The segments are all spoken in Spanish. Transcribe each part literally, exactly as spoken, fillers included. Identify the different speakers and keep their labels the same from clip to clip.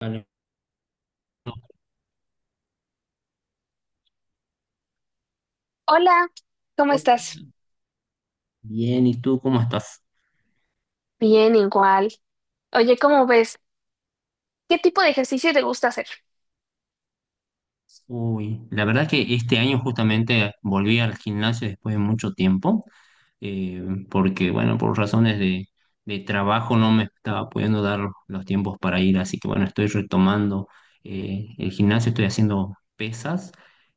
Speaker 1: Vale.
Speaker 2: Hola, ¿cómo
Speaker 1: Hola,
Speaker 2: estás?
Speaker 1: bien, ¿y tú cómo estás?
Speaker 2: Bien, igual. Oye, ¿cómo ves? ¿Qué tipo de ejercicio te gusta hacer?
Speaker 1: Uy, la verdad que este año justamente volví al gimnasio después de mucho tiempo, eh, porque bueno, por razones de, de trabajo no me estaba pudiendo dar los tiempos para ir, así que bueno, estoy retomando eh, el gimnasio, estoy haciendo pesas,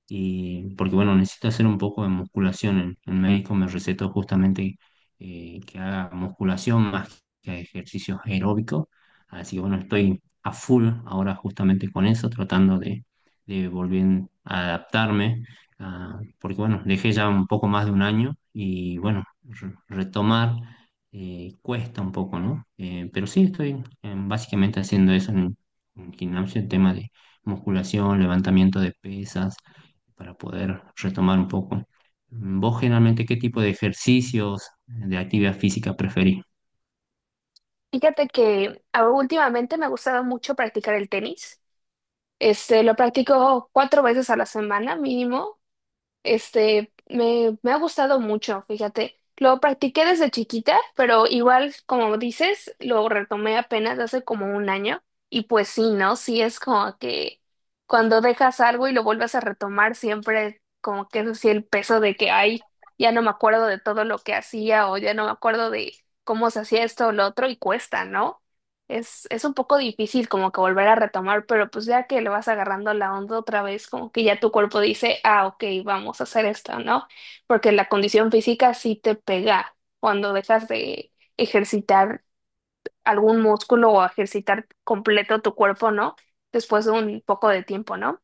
Speaker 1: y, porque bueno, necesito hacer un poco de musculación. El, el médico me recetó justamente eh, que haga musculación más que ejercicios aeróbicos, así que bueno, estoy a full ahora justamente con eso, tratando de de volví a adaptarme, a- porque bueno, dejé ya un poco más de un año y bueno, re- retomar eh, cuesta un poco, ¿no? Eh, pero sí estoy eh, básicamente haciendo eso en, en gimnasio, el tema de musculación, levantamiento de pesas, para poder retomar un poco. Mm, ¿Vos generalmente qué tipo de ejercicios, de actividad física preferís?
Speaker 2: Fíjate que ah, últimamente me ha gustado mucho practicar el tenis. Este, lo practico cuatro veces a la semana mínimo. Este, me, me ha gustado mucho, fíjate. Lo practiqué desde chiquita, pero igual, como dices, lo retomé apenas hace como un año. Y pues sí, ¿no? Sí es como que cuando dejas algo y lo vuelves a retomar, siempre como que es así el peso de que, ay, ya no me acuerdo de todo lo que hacía o ya no me acuerdo de cómo se hacía esto o lo otro y cuesta, ¿no? Es, es un poco difícil como que volver a retomar, pero pues ya que le vas agarrando la onda otra vez, como que ya tu cuerpo dice, ah, ok, vamos a hacer esto, ¿no? Porque la condición física sí te pega cuando dejas de ejercitar algún músculo o ejercitar completo tu cuerpo, ¿no? Después de un poco de tiempo, ¿no?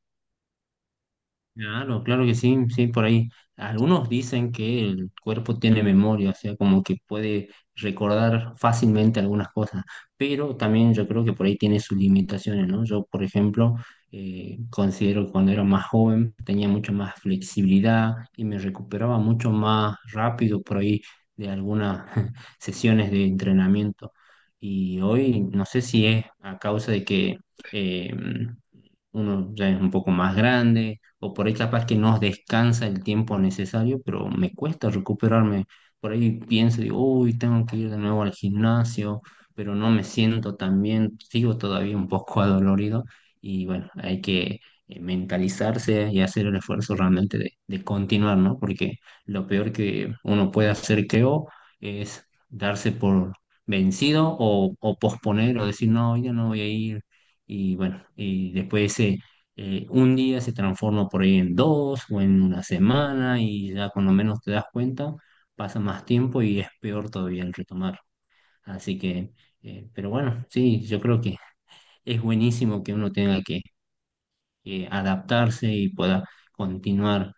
Speaker 1: Claro, claro que sí, sí, por ahí. Algunos dicen que el cuerpo tiene memoria, o sea, como que puede recordar fácilmente algunas cosas, pero también yo creo que por ahí tiene sus limitaciones, ¿no? Yo, por ejemplo, eh, considero que cuando era más joven tenía mucho más flexibilidad y me recuperaba mucho más rápido por ahí de algunas sesiones de entrenamiento. Y hoy no sé si es a causa de que eh, uno ya es un poco más grande o por ahí capaz que no descansa el tiempo necesario, pero me cuesta recuperarme. Por ahí pienso, digo, uy, tengo que ir de nuevo al gimnasio, pero no me siento tan bien, sigo todavía un poco adolorido y bueno, hay que eh, mentalizarse y hacer el esfuerzo realmente de, de continuar, ¿no? Porque lo peor que uno puede hacer, creo, es darse por vencido o, o posponer o decir, no, ya no voy a ir. Y bueno, y después ese eh, un día se transforma por ahí en dos o en una semana y ya cuando menos te das cuenta pasa más tiempo y es peor todavía el retomar. Así que, eh, pero bueno, sí, yo creo que es buenísimo que uno tenga que eh, adaptarse y pueda continuar.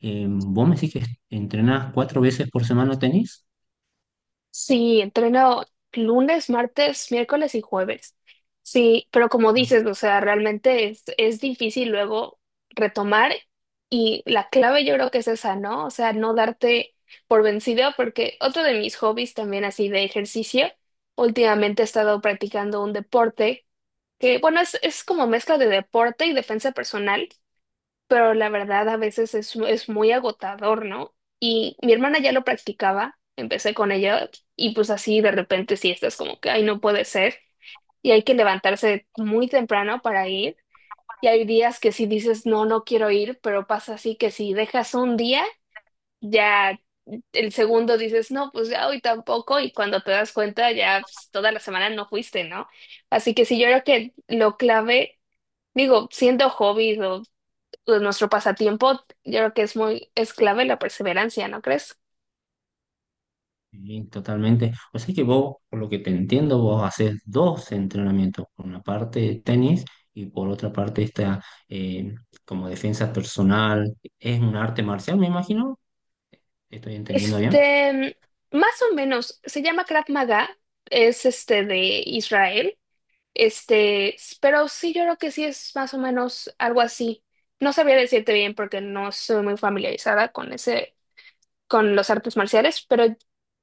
Speaker 1: Eh, ¿vos me decís que entrenás cuatro veces por semana tenis?
Speaker 2: Sí, entreno lunes, martes, miércoles y jueves. Sí, pero como dices, o sea, realmente es, es difícil luego retomar, y la clave yo creo que es esa, ¿no? O sea, no darte por vencido, porque otro de mis hobbies también así de ejercicio, últimamente he estado practicando un deporte que, bueno, es, es como mezcla de deporte y defensa personal, pero la verdad a veces es, es muy agotador, ¿no? Y mi hermana ya lo practicaba, empecé con ella, y pues así de repente sí estás como que, ay, no puede ser. Y hay que levantarse muy temprano para ir. Y hay días que sí dices, no, no quiero ir, pero pasa así que si dejas un día, ya el segundo dices, no, pues ya hoy tampoco. Y cuando te das cuenta, ya pues, toda la semana no fuiste, ¿no? Así que sí, yo creo que lo clave, digo, siendo hobby de nuestro pasatiempo, yo creo que es muy, es clave la perseverancia, ¿no crees?
Speaker 1: Sí, totalmente. O sea que vos, por lo que te entiendo, vos haces dos entrenamientos, por una parte tenis y por otra parte esta eh, como defensa personal. Es un arte marcial, me imagino. ¿Estoy entendiendo bien?
Speaker 2: Este, más o menos, se llama Krav Maga, es este de Israel, este, s- pero sí, yo creo que sí es más o menos algo así. No sabía decirte bien porque no soy muy familiarizada con ese, con los artes marciales, pero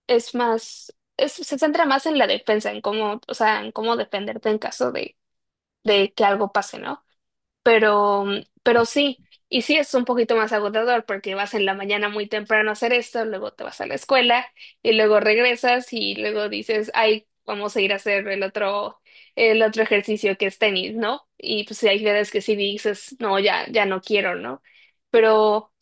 Speaker 2: es más, es- se centra más en la defensa, en cómo, o sea, en cómo defenderte en caso de, de que algo pase, ¿no? Pero, mm, pero sí, y sí es un poquito más agotador porque vas en la mañana muy temprano a hacer esto, luego te vas a la escuela y luego regresas y luego dices, ay, vamos a ir a hacer el otro, el otro ejercicio que es tenis, ¿no? Y pues hay veces que sí dices, no, ya, ya no quiero, ¿no? Pero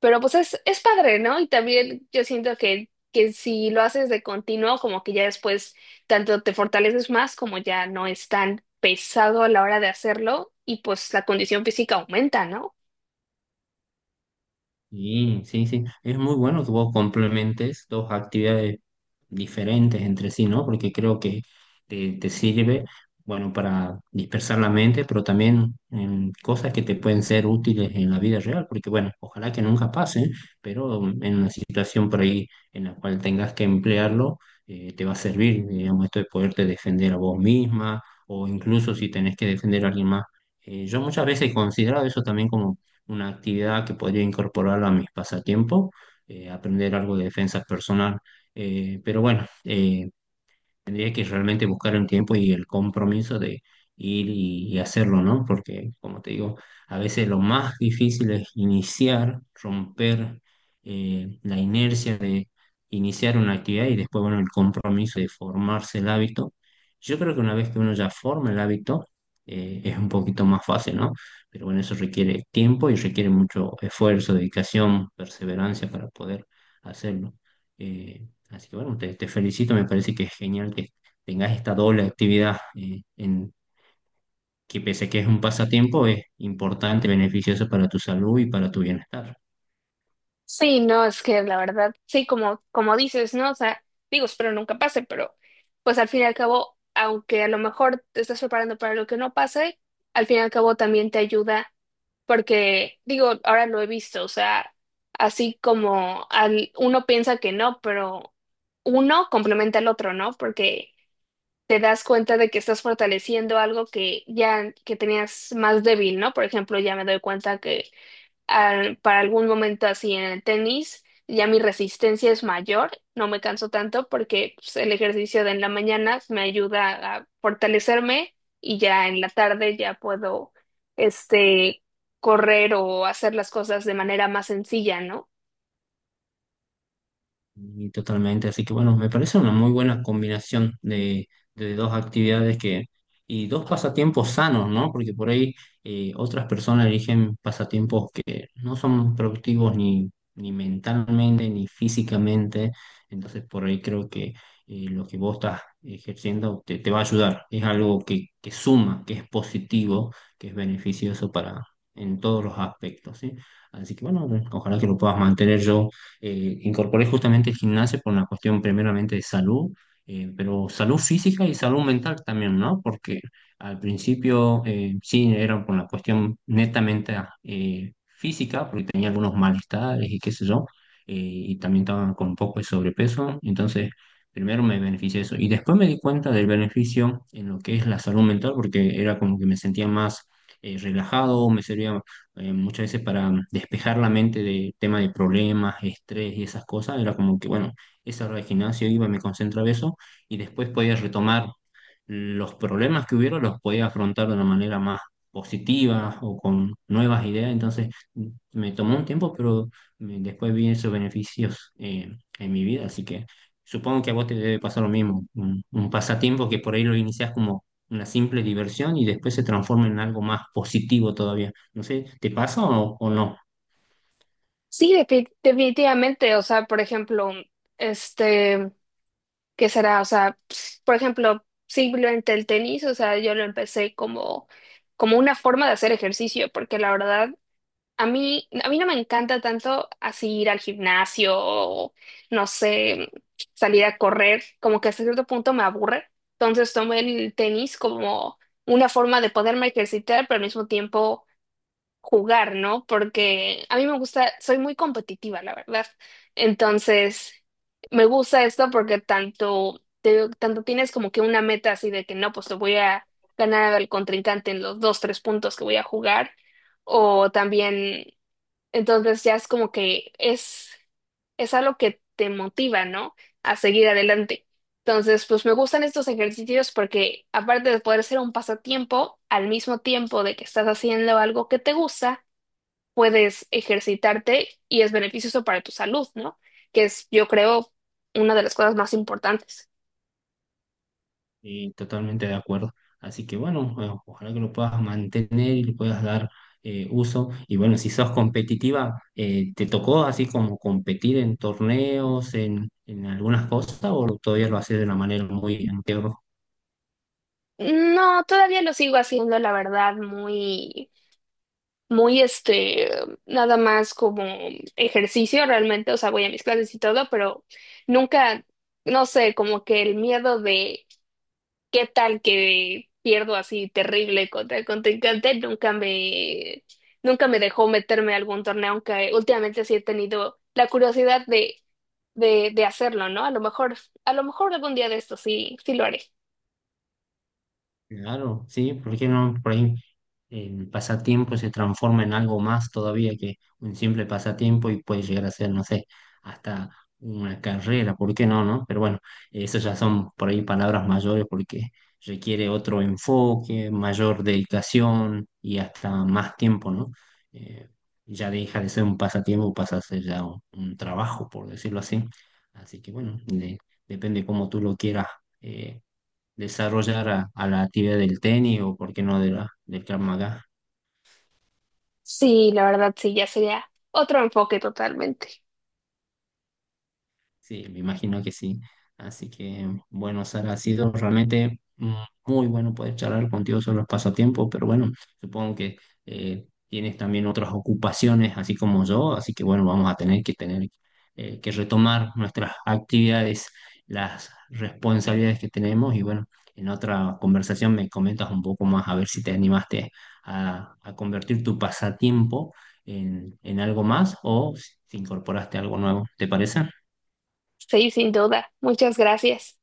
Speaker 2: pero pues es, es padre, ¿no? Y también yo siento que, que si lo haces de continuo, como que ya después tanto te fortaleces más, como ya no es tan pesado a la hora de hacerlo, y pues la condición física aumenta, ¿no?
Speaker 1: Sí, sí, sí. Es muy bueno que vos complementes dos actividades diferentes entre sí, ¿no? Porque creo que te, te sirve, bueno, para dispersar la mente, pero también en cosas que te pueden ser útiles en la vida real, porque bueno, ojalá que nunca pasen, pero en una situación por ahí en la cual tengas que emplearlo, eh, te va a servir, digamos, esto de poderte defender a vos misma o incluso si tenés que defender a alguien más. Eh, yo muchas veces he considerado eso también como una actividad que podría incorporar a mis pasatiempos, eh, aprender algo de defensa personal. Eh, pero bueno, eh, tendría que realmente buscar un tiempo y el compromiso de ir y, y hacerlo, ¿no? Porque, como te digo, a veces lo más difícil es iniciar, romper eh, la inercia de iniciar una actividad y después, bueno, el compromiso de formarse el hábito. Yo creo que una vez que uno ya forma el hábito, eh, es un poquito más fácil, ¿no? Pero bueno, eso requiere tiempo y requiere mucho esfuerzo, dedicación, perseverancia para poder hacerlo. Eh, Así que bueno, te, te felicito, me parece que es genial que tengas esta doble actividad, eh, en, que pese que es un pasatiempo, es importante, beneficioso para tu salud y para tu bienestar.
Speaker 2: Sí, no, es que la verdad, sí, como, como dices, ¿no? O sea, digo, espero nunca pase, pero pues al fin y al cabo, aunque a lo mejor te estás preparando para lo que no pase, al fin y al cabo también te ayuda, porque digo, ahora lo he visto, o sea, así como al, uno piensa que no, pero uno complementa al otro, ¿no? Porque te das cuenta de que estás fortaleciendo algo que ya que tenías más débil, ¿no? Por ejemplo, ya me doy cuenta que al- para algún momento así en el tenis, ya mi resistencia es mayor, no me canso tanto porque pues, el ejercicio de en la mañana me ayuda a fortalecerme, y ya en la tarde ya puedo este correr o hacer las cosas de manera más sencilla, ¿no?
Speaker 1: Y totalmente, así que bueno, me parece una muy buena combinación de, de dos actividades que, y dos pasatiempos sanos, ¿no? Porque por ahí eh, otras personas eligen pasatiempos que no son productivos ni, ni mentalmente ni físicamente, entonces por ahí creo que eh, lo que vos estás ejerciendo te, te va a ayudar, es algo que, que suma, que es positivo, que es beneficioso para en todos los aspectos, ¿sí? Así que bueno, ojalá que lo puedas mantener yo eh, incorporé justamente el gimnasio por una cuestión primeramente de salud, eh, pero salud física y salud mental también, ¿no? Porque al principio eh, sí era por la cuestión netamente eh, física, porque tenía algunos malestares y qué sé yo, eh, y también estaba con un poco de sobrepeso, entonces primero me beneficié de eso y después me di cuenta del beneficio en lo que es la salud mental, porque era como que me sentía más eh, relajado, me servía eh, muchas veces para mm, despejar la mente de temas de problemas, estrés y esas cosas, era como que, bueno, esa hora de gimnasio iba, me concentraba eso y después podía retomar los problemas que hubiera, los podía afrontar de una manera más positiva o con nuevas ideas. Entonces, m- me tomó un tiempo, pero me- después vi esos beneficios eh, en mi vida, así que supongo que a vos te debe pasar lo mismo, un, un pasatiempo que por ahí lo iniciás como una simple diversión y después se transforma en algo más positivo todavía. No sé, ¿te pasa o, o no?
Speaker 2: Sí, defi- definitivamente, o sea, por ejemplo, este, ¿qué será? O sea, ps- por ejemplo, simplemente el tenis, o sea, yo lo empecé como como una forma de hacer ejercicio, porque la verdad a mí, a mí no me encanta tanto así ir al gimnasio o, no sé, salir a correr, como que hasta cierto punto me aburre. Entonces tomé el tenis como una forma de poderme ejercitar, pero al mismo tiempo jugar, ¿no? Porque a mí me gusta, soy muy competitiva, la verdad. Entonces, me gusta esto porque tanto, te- tanto tienes como que una meta así de que no, pues te voy a ganar al contrincante en los dos, tres puntos que voy a jugar. O también entonces ya es como que es, es algo que te motiva, ¿no? A seguir adelante. Entonces, pues me gustan estos ejercicios porque aparte de poder ser un pasatiempo, al mismo tiempo de que estás haciendo algo que te gusta, puedes ejercitarte y es beneficioso para tu salud, ¿no? Que es, yo creo, una de las cosas más importantes.
Speaker 1: Y totalmente de acuerdo. Así que bueno, o- ojalá que lo puedas mantener y le puedas dar eh, uso. Y bueno, si sos competitiva, eh, ¿te tocó así como competir en torneos, en, en algunas cosas, o todavía lo haces de una manera muy amateur?
Speaker 2: No, todavía lo sigo haciendo, la verdad, muy muy este, nada más como ejercicio realmente, o sea, voy a mis clases y todo, pero nunca, no sé, como que el miedo de qué tal que pierdo así terrible contra el contrincante, nunca me, nunca me dejó meterme a algún torneo, aunque últimamente sí he tenido la curiosidad de, de, de hacerlo, ¿no? A lo mejor, a lo mejor algún día de esto sí, sí lo haré.
Speaker 1: Claro, sí, ¿por qué no? Por ahí el pasatiempo se transforma en algo más todavía que un simple pasatiempo y puede llegar a ser, no sé, hasta una carrera, ¿por qué no, no? Pero bueno, eso ya son por ahí palabras mayores porque requiere otro enfoque, mayor dedicación y hasta más tiempo, ¿no? Eh, ya deja de ser un pasatiempo, pasa a ser ya un, un trabajo, por decirlo así. Así que bueno, de- depende cómo tú lo quieras eh, desarrollar a, a la actividad del tenis o, por qué no, de la, del Krav Maga.
Speaker 2: Sí, la verdad sí, ya sería otro enfoque totalmente.
Speaker 1: Sí, me imagino que sí. Así que, bueno, Sara, ha sido realmente mm, muy bueno poder charlar contigo sobre los pasatiempos, pero bueno, supongo que eh, tienes también otras ocupaciones, así como yo, así que bueno, vamos a tener que tener eh, que retomar nuestras actividades, las responsabilidades que tenemos y bueno, en otra conversación me comentas un poco más a ver si te animaste a, a convertir tu pasatiempo en, en algo más o si incorporaste algo nuevo, ¿te parece?
Speaker 2: Sí, sin duda. Muchas gracias.